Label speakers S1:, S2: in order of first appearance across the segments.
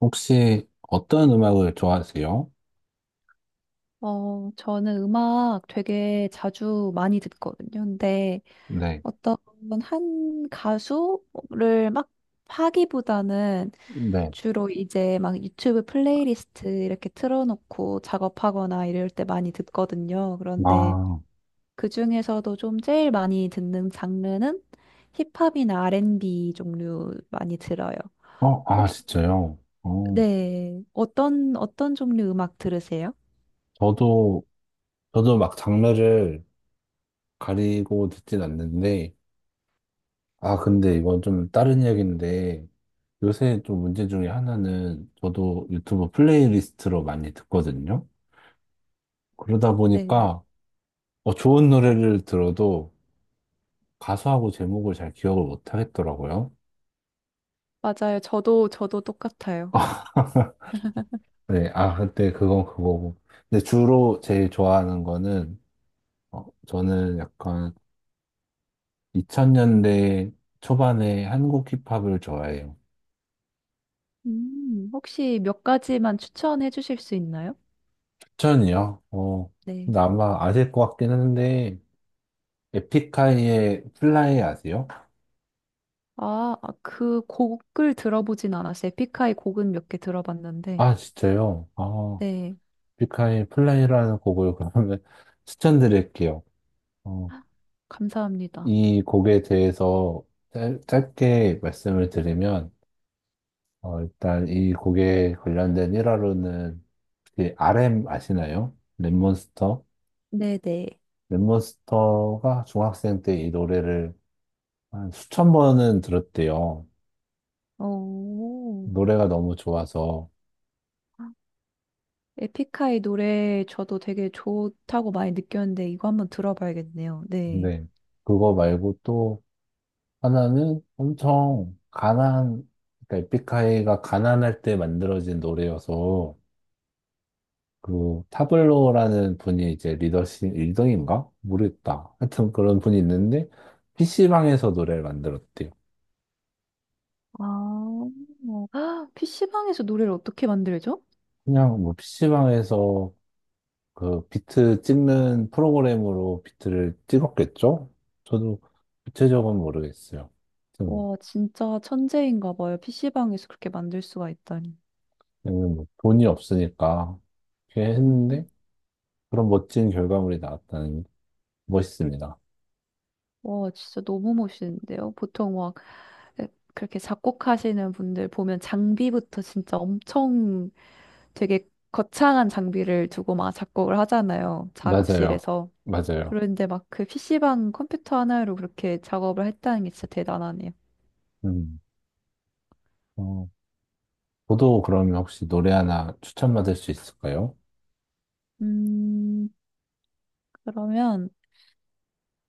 S1: 혹시 어떤 음악을 좋아하세요?
S2: 저는 음악 되게 자주 많이 듣거든요. 근데
S1: 네,
S2: 어떤 한 가수를 막 파기보다는
S1: 네.
S2: 주로 이제 막 유튜브 플레이리스트 이렇게 틀어놓고 작업하거나 이럴 때 많이 듣거든요. 그런데
S1: 아,
S2: 그중에서도 좀 제일 많이 듣는 장르는 힙합이나 R&B 종류 많이 들어요.
S1: 아,
S2: 혹시,
S1: 진짜요? 어,
S2: 네, 어떤 종류 음악 들으세요?
S1: 저도, 저도 막 장르를 가리고 듣진 않는데, 아, 근데 이건 좀 다른 이야기인데, 요새 좀 문제 중에 하나는 저도 유튜브 플레이리스트로 많이 듣거든요? 그러다
S2: 네.
S1: 보니까, 좋은 노래를 들어도 가수하고 제목을 잘 기억을 못 하겠더라고요.
S2: 맞아요. 저도 똑같아요.
S1: 네, 아, 근데 그건 그거고. 근데 주로 제일 좋아하는 거는 저는 약간 2000년대 초반에 한국 힙합을 좋아해요.
S2: 혹시 몇 가지만 추천해 주실 수 있나요?
S1: 추천이요? 어,
S2: 네.
S1: 근데 아마 아실 것 같긴 한데, 에픽하이의 플라이 아세요?
S2: 아, 그 곡을 들어보진 않았어요. 에픽하이 곡은 몇 개 들어봤는데.
S1: 아, 진짜요? 아,
S2: 네,
S1: 에픽하이의 플라이라는 곡을 그러면 추천드릴게요. 어,
S2: 감사합니다.
S1: 이 곡에 대해서 짧게 말씀을 드리면, 일단 이 곡에 관련된 일화로는 RM 아시나요? 랩몬스터?
S2: 네네.
S1: 랩몬스터가 중학생 때 이 노래를 한 수천 번은 들었대요.
S2: 오.
S1: 노래가 너무 좋아서.
S2: 에픽하이 노래 저도 되게 좋다고 많이 느꼈는데 이거 한번 들어봐야겠네요. 네.
S1: 근데 그거 말고 또 하나는 엄청 그러니까 에픽하이가 가난할 때 만들어진 노래여서 그 타블로라는 분이 이제 리더십 1등인가? 모르겠다. 하여튼 그런 분이 있는데 PC방에서 노래를 만들었대요.
S2: 아, 아, PC방에서 노래를 어떻게 만들죠?
S1: 그냥 뭐 PC방에서 그 비트 찍는 프로그램으로 비트를 찍었겠죠? 저도 구체적은 모르겠어요. 아무튼 뭐,
S2: 와, 진짜 천재인가 봐요. PC방에서 그렇게 만들 수가 있다니.
S1: 그냥 뭐 돈이 없으니까 그렇게 했는데
S2: 음.
S1: 그런 멋진 결과물이 나왔다는 게 멋있습니다.
S2: 와, 진짜 너무 멋있는데요. 보통 막 그렇게 작곡하시는 분들 보면 장비부터 진짜 엄청 되게 거창한 장비를 두고 막 작곡을 하잖아요.
S1: 맞아요.
S2: 작업실에서.
S1: 맞아요.
S2: 그런데 막 그 PC방 컴퓨터 하나로 그렇게 작업을 했다는 게 진짜 대단하네요.
S1: 음. 어, 저도 그러면 혹시 노래 하나 추천받을 수 있을까요?
S2: 음, 그러면,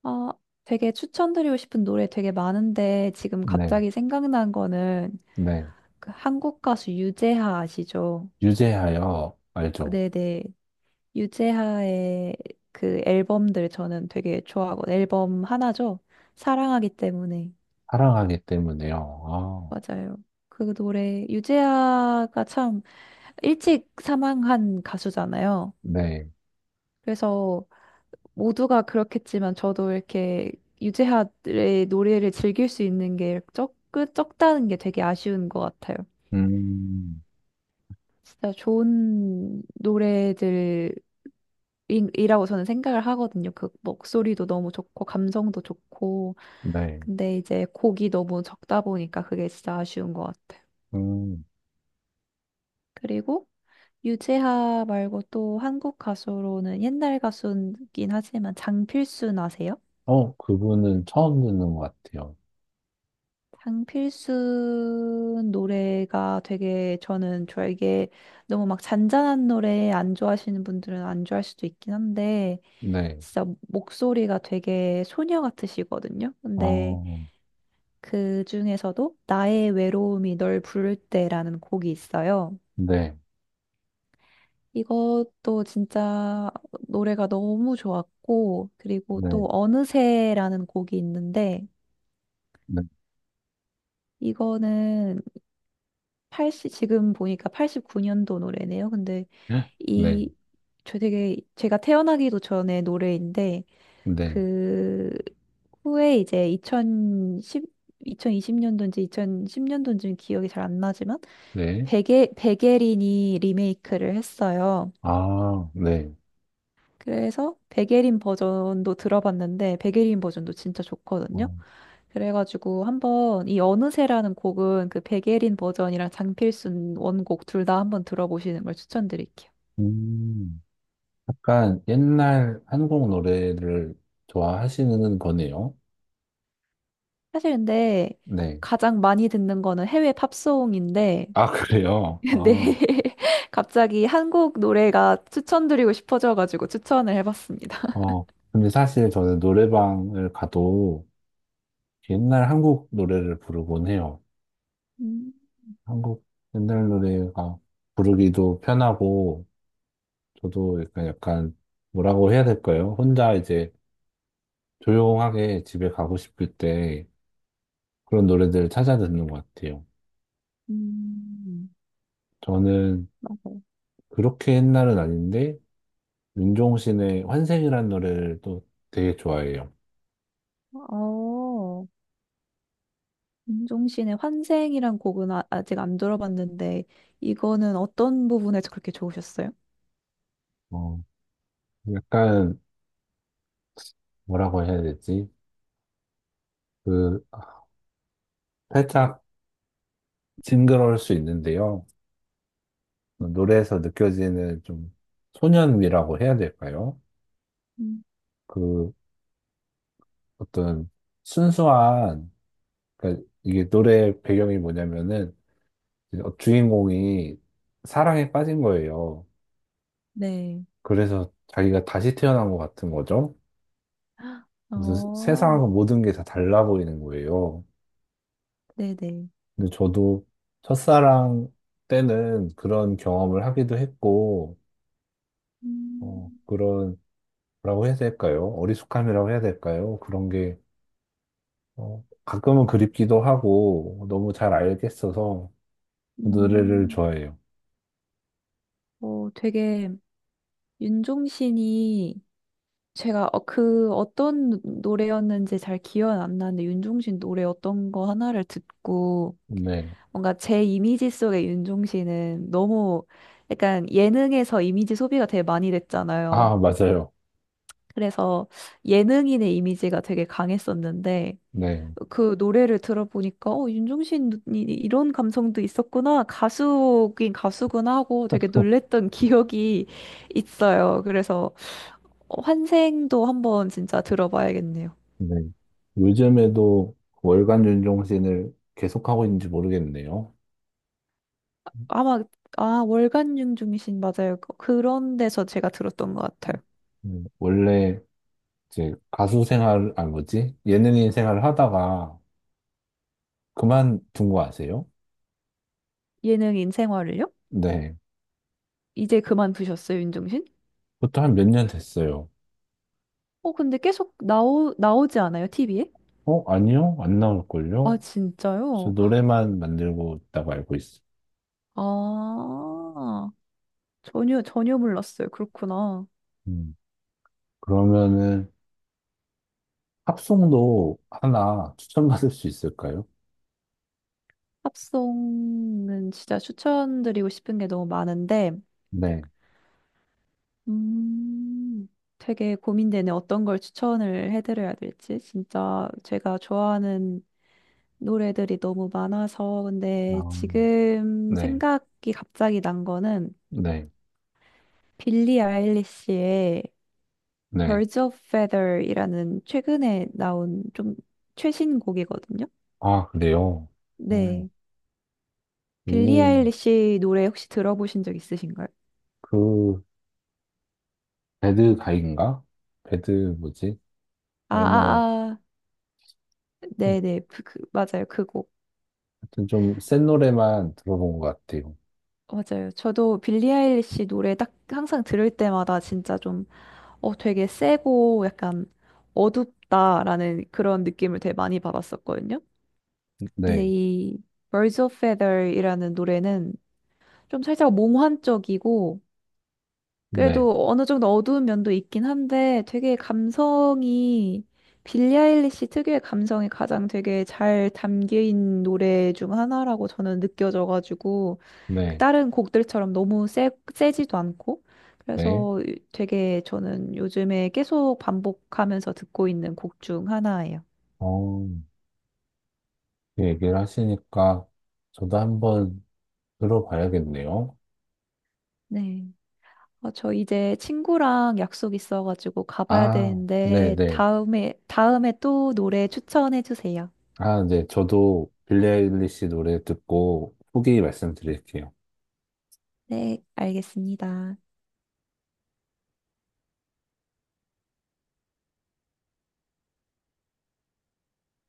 S2: 아, 되게 추천드리고 싶은 노래 되게 많은데 지금
S1: 네.
S2: 갑자기 생각난 거는
S1: 네.
S2: 그 한국 가수 유재하 아시죠?
S1: 유재하여 알죠?
S2: 네네. 유재하의 그 앨범들 저는 되게 좋아하고 앨범 하나죠. 사랑하기 때문에.
S1: 사랑하기 때문에요. 아,
S2: 맞아요. 그 노래 유재하가 참 일찍 사망한 가수잖아요.
S1: 네.
S2: 그래서 모두가 그렇겠지만 저도 이렇게 유재하의 노래를 즐길 수 있는 게 적다는 게 되게 아쉬운 것 같아요.
S1: 음,
S2: 진짜 좋은 노래들 이라고 저는 생각을 하거든요. 그 목소리도 너무 좋고 감성도 좋고
S1: 네.
S2: 근데 이제 곡이 너무 적다 보니까 그게 진짜 아쉬운 것 같아요.
S1: 음.
S2: 그리고 유재하 말고 또 한국 가수로는 옛날 가수긴 하지만 장필순 아세요?
S1: 어, 그분은 처음 듣는 것 같아요.
S2: 장필순 노래가 되게 저는 좋아 이게 너무 막 잔잔한 노래 안 좋아하시는 분들은 안 좋아할 수도 있긴 한데
S1: 네.
S2: 진짜 목소리가 되게 소녀 같으시거든요. 근데
S1: 어,
S2: 그 중에서도 나의 외로움이 널 부를 때라는 곡이 있어요.
S1: 네.
S2: 이것도 진짜 노래가 너무 좋았고, 그리고 또
S1: 네.
S2: 어느새라는 곡이 있는데,
S1: 네.
S2: 이거는 팔0 지금 보니까 89년도 노래네요. 근데
S1: 네.
S2: 이, 저 되게, 제가 태어나기도 전에 노래인데,
S1: 네.
S2: 그, 후에 이제 2 0십이2 0십년도인지 2010년도인지는 기억이 잘 안 나지만,
S1: 네.
S2: 베게린이 리메이크를 했어요.
S1: 아, 네.
S2: 그래서 베게린 버전도 들어봤는데, 베게린 버전도 진짜 좋거든요.
S1: 어,
S2: 그래가지고 한번 이 어느새라는 곡은 그 백예린 버전이랑 장필순 원곡 둘 다 한번 들어보시는 걸 추천드릴게요.
S1: 음, 약간 옛날 한국 노래를 좋아하시는 거네요.
S2: 사실 근데
S1: 네.
S2: 가장 많이 듣는 거는 해외 팝송인데
S1: 아, 그래요?
S2: 네
S1: 아,
S2: 갑자기 한국 노래가 추천드리고 싶어져가지고 추천을 해봤습니다.
S1: 어, 근데 사실 저는 노래방을 가도 옛날 한국 노래를 부르곤 해요.
S2: 음,
S1: 한국 옛날 노래가 부르기도 편하고, 저도 약간, 뭐라고 해야 될까요? 혼자 이제 조용하게 집에 가고 싶을 때 그런 노래들을 찾아 듣는 것 같아요.
S2: 음,
S1: 저는
S2: 맞아요.
S1: 그렇게 옛날은 아닌데, 윤종신의 환생이라는 노래를 또 되게 좋아해요.
S2: 어, 윤종신의 환생이란 곡은 아, 아직 안 들어봤는데 이거는 어떤 부분에서 그렇게 좋으셨어요?
S1: 어, 약간, 뭐라고 해야 되지? 그, 살짝 징그러울 수 있는데요. 그 노래에서 느껴지는 좀 소년미라고 해야 될까요?
S2: 음.
S1: 그, 어떤 순수한, 그러니까 이게 노래 배경이 뭐냐면은, 어, 주인공이 사랑에 빠진 거예요.
S2: 네.
S1: 그래서 자기가 다시 태어난 것 같은 거죠. 그래서
S2: 어,
S1: 세상하고 모든 게 다 달라 보이는 거예요.
S2: 네네.
S1: 근데 저도 첫사랑 때는 그런 경험을 하기도 했고, 어,
S2: 음,
S1: 그런, 뭐라고 해야 될까요? 어리숙함이라고 해야 될까요? 그런 게, 어, 가끔은 그립기도 하고, 너무 잘 알겠어서 그 노래를
S2: 음,
S1: 좋아해요.
S2: 어, 되게 윤종신이 제가 그 어떤 노래였는지 잘 기억은 안 나는데 윤종신 노래 어떤 거 하나를 듣고
S1: 네.
S2: 뭔가 제 이미지 속의 윤종신은 너무 약간 예능에서 이미지 소비가 되게 많이 됐잖아요.
S1: 아, 맞아요.
S2: 그래서 예능인의 이미지가 되게 강했었는데
S1: 네.
S2: 그 노래를 들어보니까 윤종신이 이런 감성도 있었구나. 가수긴 가수구나 하고 되게 놀랬던 기억이 있어요. 그래서 환생도 한번 진짜 들어봐야겠네요.
S1: 네. 요즘에도 그 월간 윤종신을 계속하고 있는지 모르겠네요.
S2: 아마 아, 월간 윤종신 맞아요. 그런 데서 제가 들었던 것 같아요.
S1: 원래 이제 가수 생활, 아, 뭐지? 예능인 생활을 하다가 그만둔 거 아세요?
S2: 예능 인생활을요?
S1: 네.
S2: 이제 그만두셨어요, 윤종신?
S1: 그것도 한 몇 년 됐어요.
S2: 어, 근데 계속 나오지 않아요, TV에?
S1: 어? 아니요? 안
S2: 아,
S1: 나올걸요? 그래서
S2: 진짜요?
S1: 노래만 만들고 있다고 알고 있어요.
S2: 아, 전혀 몰랐어요. 그렇구나.
S1: 음, 그러면은 팝송도 하나 추천받을 수 있을까요?
S2: 팝송은 진짜 추천드리고 싶은 게 너무 많은데,
S1: 네.
S2: 음, 되게 고민되네. 어떤 걸 추천을 해드려야 될지. 진짜 제가 좋아하는 노래들이 너무 많아서.
S1: 아,
S2: 근데 지금
S1: 네.
S2: 생각이 갑자기 난 거는
S1: 네.
S2: 빌리 아일리시의
S1: 네.
S2: Birds of Feather이라는 최근에 나온 좀 최신 곡이거든요.
S1: 아, 그래요?
S2: 네.
S1: 어,
S2: 빌리 아일리시 노래 혹시 들어보신 적 있으신가요?
S1: 그 배드 가인가? 배드 뭐지?
S2: 아,
S1: 아니 뭐
S2: 아, 아. 네네, 맞아요. 그 곡.
S1: 하여튼 좀 센 노래만 들어본 것 같아요.
S2: 맞아요. 저도 빌리 아일리시 노래 딱 항상 들을 때마다 진짜 좀, 어, 되게 세고 약간 어둡다라는 그런 느낌을 되게 많이 받았었거든요. 근데
S1: 네,
S2: 이 Birds of Feather이라는 노래는 좀 살짝 몽환적이고
S1: 네,
S2: 그래도 어느 정도 어두운 면도 있긴 한데 되게 감성이 빌리 아일리시 특유의 감성이 가장 되게 잘 담긴 노래 중 하나라고 저는 느껴져가지고 그
S1: 네,
S2: 다른 곡들처럼 너무 세지도 않고
S1: 네.
S2: 그래서 되게 저는 요즘에 계속 반복하면서 듣고 있는 곡 중 하나예요.
S1: 어, 그 얘기를 하시니까 저도 한번 들어봐야겠네요.
S2: 네. 저 이제 친구랑 약속 있어가지고 가봐야
S1: 아, 네,
S2: 되는데
S1: 네.
S2: 다음에 또 노래 추천해 주세요.
S1: 아, 네. 저도 빌리 아일리시 노래 듣고 후기 말씀드릴게요.
S2: 네, 알겠습니다.